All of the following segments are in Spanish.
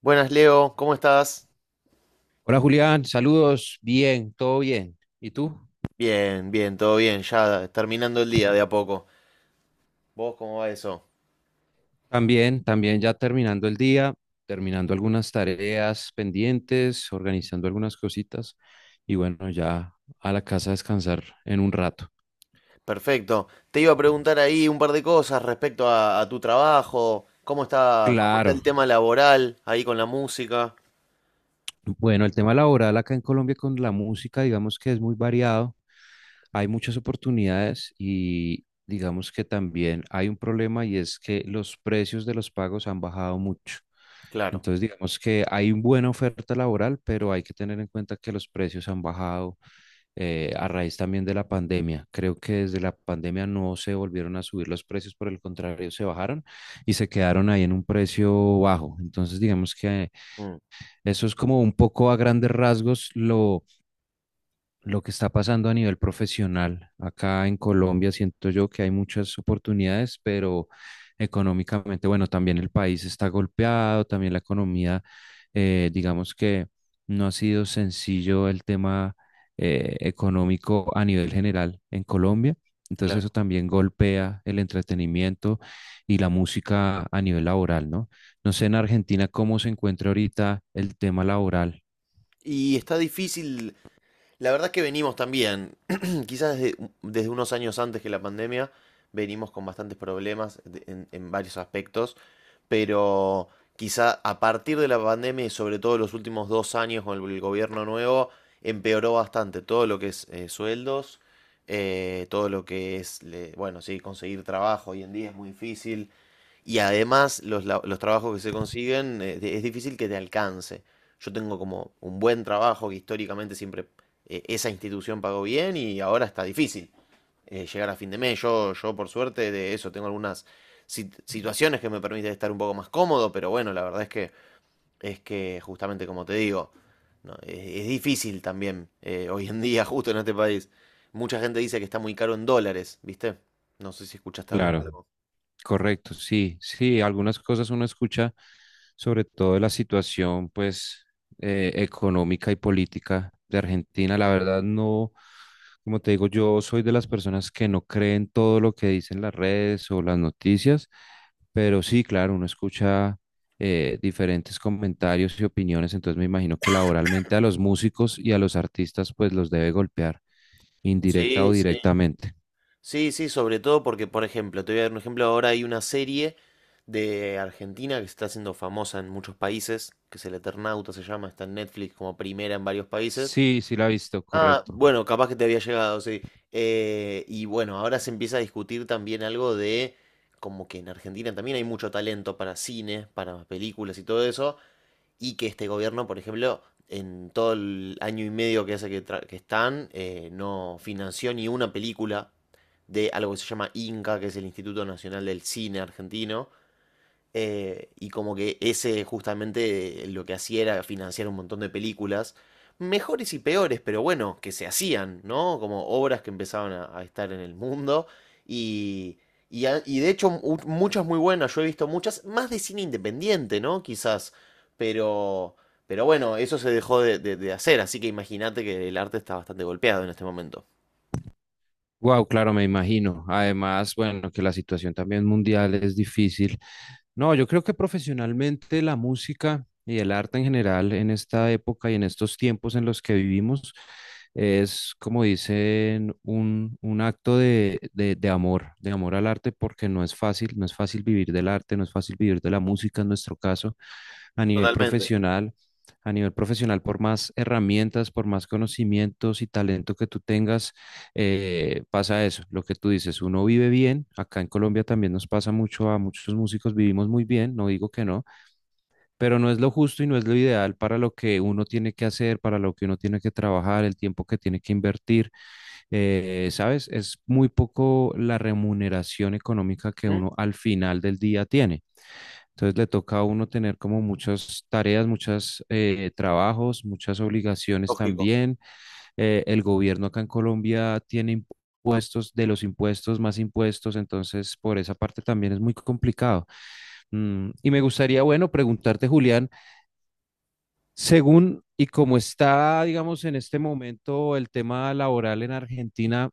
Buenas, Leo, ¿cómo estás? Hola Julián, saludos, bien, todo bien. ¿Y tú? Bien, bien, todo bien, ya terminando el día de a poco. ¿Vos cómo va eso? También, ya terminando el día, terminando algunas tareas pendientes, organizando algunas cositas y bueno, ya a la casa a descansar en un rato. Perfecto. Te iba a preguntar ahí un par de cosas respecto a tu trabajo, cómo está Claro. el tema laboral ahí con la música. Bueno, el tema laboral acá en Colombia con la música, digamos que es muy variado. Hay muchas oportunidades y digamos que también hay un problema y es que los precios de los pagos han bajado mucho. Claro, Entonces, digamos que hay una buena oferta laboral, pero hay que tener en cuenta que los precios han bajado a raíz también de la pandemia. Creo que desde la pandemia no se volvieron a subir los precios, por el contrario, se bajaron y se quedaron ahí en un precio bajo. Entonces, digamos que mm, eso es como un poco a grandes rasgos lo que está pasando a nivel profesional. Acá en Colombia siento yo que hay muchas oportunidades, pero económicamente, bueno, también el país está golpeado, también la economía, digamos que no ha sido sencillo el tema económico a nivel general en Colombia. Entonces claro. eso también golpea el entretenimiento y la música a nivel laboral, ¿no? No sé en Argentina cómo se encuentra ahorita el tema laboral. ¿Y está difícil? La verdad es que venimos también, quizás desde, desde unos años antes que la pandemia, venimos con bastantes problemas de- en varios aspectos, pero quizá a partir de la pandemia y sobre todo los últimos dos años con el gobierno nuevo, empeoró bastante todo lo que es sueldos, todo lo que es, le- bueno, sí, conseguir trabajo hoy en día es muy difícil, y además los, la- los trabajos que se consiguen es difícil que te alcance. Yo tengo como un buen trabajo que históricamente siempre esa institución pagó bien y ahora está difícil llegar a fin de mes. Yo por suerte de eso tengo algunas sit- situaciones que me permiten estar un poco más cómodo, pero bueno, la verdad es que justamente como te digo, no, es difícil también hoy en día justo en este país. Mucha gente dice que está muy caro en dólares, ¿viste? No sé si escuchaste hablar de Claro. algo. Correcto, sí, sí, algunas cosas uno escucha, sobre todo de la situación, pues, económica y política de Argentina. La verdad, no, como te digo, yo soy de las personas que no creen todo lo que dicen las redes o las noticias, pero sí, claro, uno escucha diferentes comentarios y opiniones, entonces me imagino que laboralmente a los músicos y a los artistas, pues, los debe golpear, indirecta o Sí, sí. directamente. Sí, sí, sobre todo porque, por ejemplo, te voy a dar un ejemplo, ahora hay una serie de Argentina que se está haciendo famosa en muchos países, que es El Eternauta se llama, está en Netflix como primera en varios países. Sí, sí la he visto, Ah, correcto. bueno, capaz que te había llegado, sí. Y bueno, ahora se empieza a discutir también algo de como que en Argentina también hay mucho talento para cine, para películas y todo eso, y que este gobierno, por ejemplo, en todo el año y medio que hace que, tra- que están, no financió ni una película de algo que se llama INCA, que es el Instituto Nacional del Cine Argentino, y como que ese justamente lo que hacía era financiar un montón de películas, mejores y peores, pero bueno, que se hacían, ¿no? Como obras que empezaban a estar en el mundo. Y, y, a- y de hecho mu- muchas muy buenas, yo he visto muchas, más de cine independiente, ¿no? Quizás, pero, pero bueno, eso se dejó de hacer, así que imagínate que el arte está bastante golpeado en este momento. Wow, claro, me imagino. Además, bueno, que la situación también mundial es difícil. No, yo creo que profesionalmente la música y el arte en general en esta época y en estos tiempos en los que vivimos es, como dicen, un acto de, de amor, de amor al arte, porque no es fácil, no es fácil vivir del arte, no es fácil vivir de la música en nuestro caso, a nivel Totalmente. profesional. A nivel profesional, por más herramientas, por más conocimientos y talento que tú tengas, pasa eso, lo que tú dices, uno vive bien, acá en Colombia también nos pasa mucho, a muchos músicos vivimos muy bien, no digo que no, pero no es lo justo y no es lo ideal para lo que uno tiene que hacer, para lo que uno tiene que trabajar, el tiempo que tiene que invertir, ¿sabes? Es muy poco la remuneración económica que ¿Mm? uno al final del día tiene. Entonces le toca a uno tener como muchas tareas, muchos trabajos, muchas obligaciones Lógico. también el gobierno acá en Colombia tiene impuestos, de los impuestos más impuestos, entonces por esa parte también es muy complicado. Y me gustaría, bueno, preguntarte, Julián, según y como está, digamos, en este momento el tema laboral en Argentina,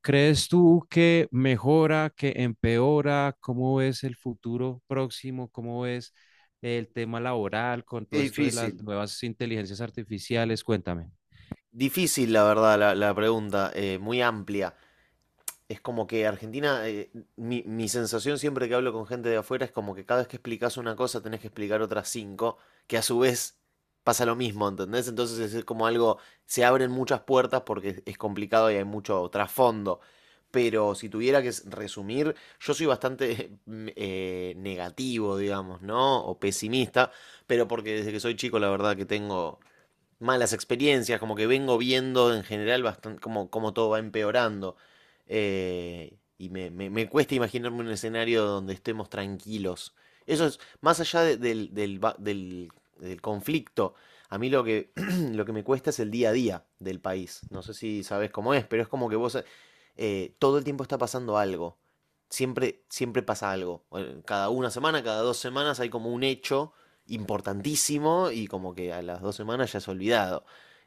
¿crees tú que mejora, que empeora? ¿Cómo ves el futuro próximo? ¿Cómo ves el tema laboral con todo Qué esto de las difícil. nuevas inteligencias artificiales? Cuéntame. Difícil, la verdad, la pregunta, muy amplia. Es como que Argentina, mi, mi sensación siempre que hablo con gente de afuera es como que cada vez que explicas una cosa tenés que explicar otras cinco, que a su vez pasa lo mismo, ¿entendés? Entonces es como algo, se abren muchas puertas porque es complicado y hay mucho trasfondo. Pero si tuviera que s- resumir, yo soy bastante negativo, digamos, ¿no? O pesimista, pero porque desde que soy chico la verdad que tengo malas experiencias, como que vengo viendo en general bastante como, como todo va empeorando. Y me- me cuesta imaginarme un escenario donde estemos tranquilos. Eso es, más allá de- del, del va- del- del conflicto, a mí lo que, lo que me cuesta es el día a día del país. No sé si sabes cómo es, pero es como que vos todo el tiempo está pasando algo. Siempre, siempre pasa algo. Cada una semana, cada dos semanas hay como un hecho importantísimo y como que a las dos semanas ya es olvidado.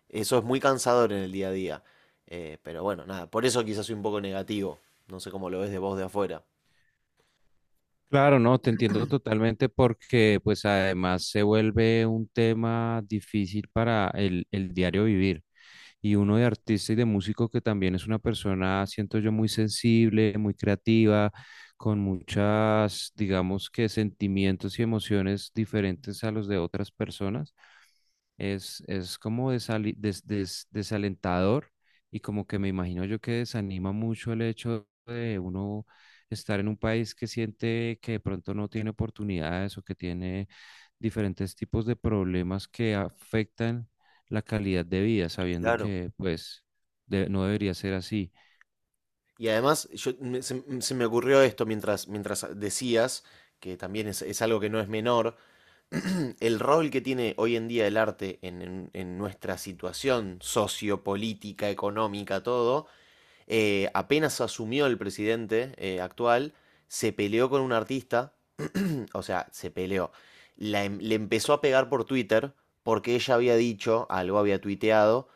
Eso es muy cansador en el día a día. Pero bueno, nada, por eso quizás soy un poco negativo. No sé cómo lo ves de vos de afuera. Claro, no, te entiendo totalmente porque pues además se vuelve un tema difícil para el diario vivir. Y uno de artista y de músico que también es una persona, siento yo, muy sensible, muy creativa, con muchas, digamos que sentimientos y emociones diferentes a los de otras personas. Es como desalentador y como que me imagino yo que desanima mucho el hecho de uno estar en un país que siente que de pronto no tiene oportunidades o que tiene diferentes tipos de problemas que afectan la calidad de vida, sabiendo Claro. que pues no debería ser así. Y además, yo, me- se me ocurrió esto mientras, mientras decías, que también es algo que no es menor, el rol que tiene hoy en día el arte en nuestra situación sociopolítica, económica, todo, apenas asumió el presidente actual, se peleó con un artista o sea, se peleó. La em- le empezó a pegar por Twitter porque ella había dicho, algo había tuiteado,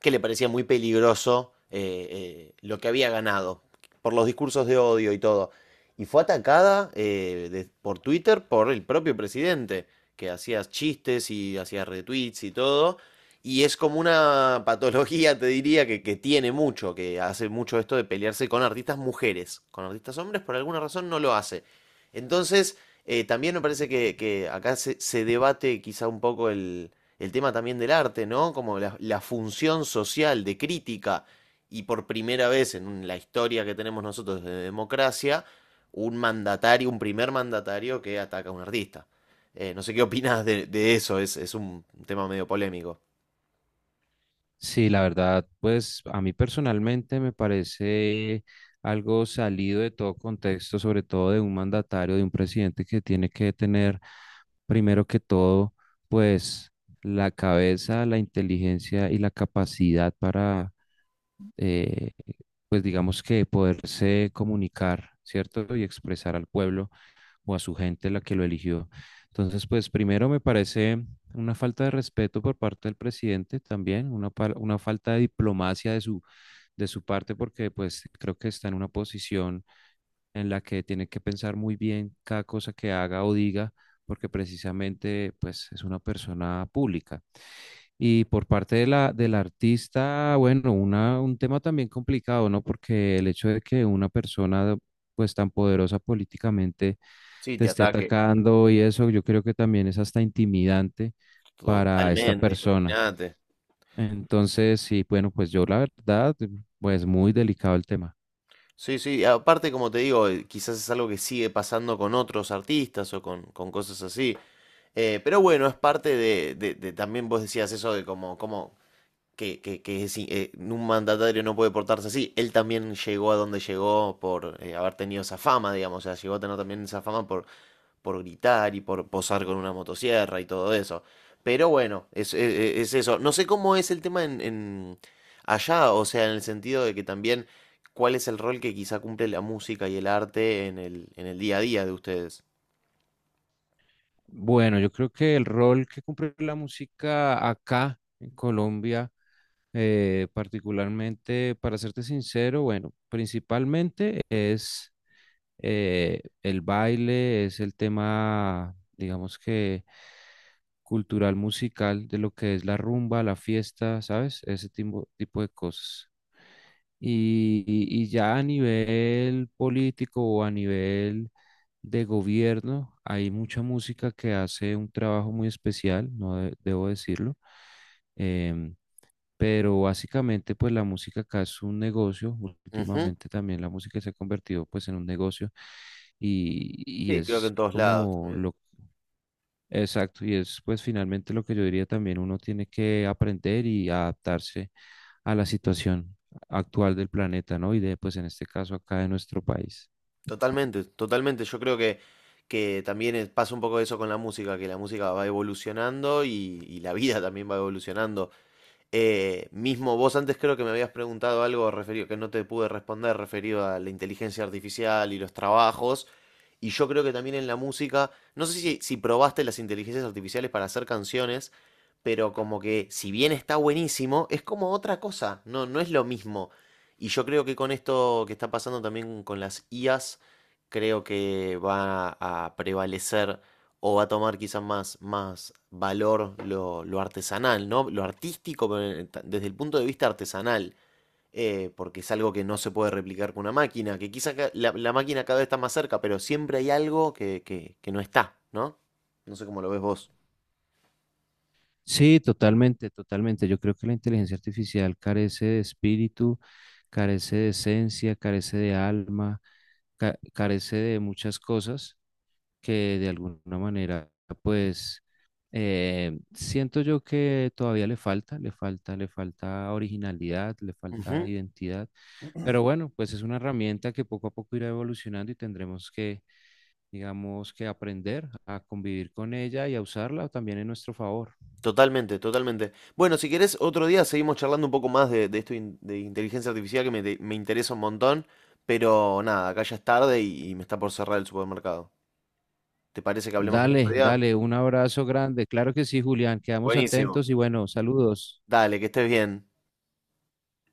que le parecía muy peligroso lo que había ganado por los discursos de odio y todo. Y fue atacada de- por Twitter por el propio presidente, que hacía chistes y hacía retweets y todo. Y es como una patología, te diría, que tiene mucho, que hace mucho esto de pelearse con artistas mujeres. Con artistas hombres, por alguna razón, no lo hace. Entonces, también me parece que acá se, se debate quizá un poco el tema también del arte, ¿no? Como la función social de crítica y por primera vez en un- la historia que tenemos nosotros de democracia, un mandatario, un primer mandatario que ataca a un artista. No sé qué opinas de eso, es un tema medio polémico. Sí, la verdad, pues a mí personalmente me parece algo salido de todo contexto, sobre todo de un mandatario, de un presidente que tiene que tener, primero que todo, pues la cabeza, la inteligencia y la capacidad para, eh, pues digamos que poderse comunicar, ¿cierto? Y expresar al pueblo o a su gente la que lo eligió. Entonces, pues primero me parece una falta de respeto por parte del presidente también, una falta de diplomacia de su parte, porque pues creo que está en una posición en la que tiene que pensar muy bien cada cosa que haga o diga, porque precisamente pues es una persona pública. Y por parte de la, del artista, bueno, una, un tema también complicado, ¿no? Porque el hecho de que una persona pues tan poderosa políticamente Sí, te te esté ataque atacando y eso, yo creo que también es hasta intimidante para esta totalmente, persona. imagínate. Entonces, sí, bueno, pues yo la verdad, pues muy delicado el tema. Sí, sí, aparte como te digo, quizás es algo que sigue pasando con otros artistas o con cosas así. Pero bueno, es parte de- también vos decías eso de como, como que es i- un mandatario no puede portarse así. Él también llegó a donde llegó por haber tenido esa fama, digamos, o sea, llegó a tener también esa fama por gritar y por posar con una motosierra y todo eso. Pero bueno, es eso. No sé cómo es el tema en allá, o sea, en el sentido de que también cuál es el rol que quizá cumple la música y el arte en el día a día de ustedes. Bueno, yo creo que el rol que cumple la música acá en Colombia, particularmente, para serte sincero, bueno, principalmente es el baile, es el tema, digamos que cultural, musical, de lo que es la rumba, la fiesta, ¿sabes? Ese tipo de cosas. Y, y ya a nivel político o a nivel de gobierno, hay mucha música que hace un trabajo muy especial, no de- debo decirlo. Em, pero básicamente, pues la música acá es un negocio. Ujú. Últimamente también la música se ha convertido pues en un negocio y Sí, creo que es en todos lados como también. lo exacto. Y es pues finalmente lo que yo diría también uno tiene que aprender y adaptarse a la situación actual del planeta, ¿no? Y de pues en este caso acá de nuestro país. Totalmente, totalmente. Yo creo que también es- pasa un poco eso con la música, que la música va evolucionando y la vida también va evolucionando. Mismo vos antes creo que me habías preguntado algo referido que no te pude responder referido a la inteligencia artificial y los trabajos. Y yo creo que también en la música, no sé si, si probaste las inteligencias artificiales para hacer canciones, pero como que si bien está buenísimo, es como otra cosa, no, no es lo mismo. Y yo creo que con esto que está pasando también con las IAs, creo que va a prevalecer o va a tomar quizás más, más valor lo artesanal, ¿no? Lo artístico, pero en- ta- desde el punto de vista artesanal porque es algo que no se puede replicar con una máquina, que quizás ca- la máquina cada vez está más cerca, pero siempre hay algo que no está, ¿no? No sé cómo lo ves vos. Sí, totalmente, totalmente. Yo creo que la inteligencia artificial carece de espíritu, carece de esencia, carece de alma, carece de muchas cosas que de alguna manera, pues, siento yo que todavía le falta, le falta, le falta originalidad, le falta Ujú, identidad. Pero bueno, pues es una herramienta que poco a poco irá evolucionando y tendremos que, digamos, que aprender a convivir con ella y a usarla también en nuestro favor. totalmente, totalmente. Bueno, si querés, otro día seguimos charlando un poco más de esto in- de inteligencia artificial que me, te- me interesa un montón, pero nada, acá ya es tarde y me está por cerrar el supermercado. ¿Te parece que hablemos el otro Dale, día? dale, un abrazo grande. Claro que sí, Julián, quedamos Buenísimo. atentos y bueno, saludos. Dale, que estés bien.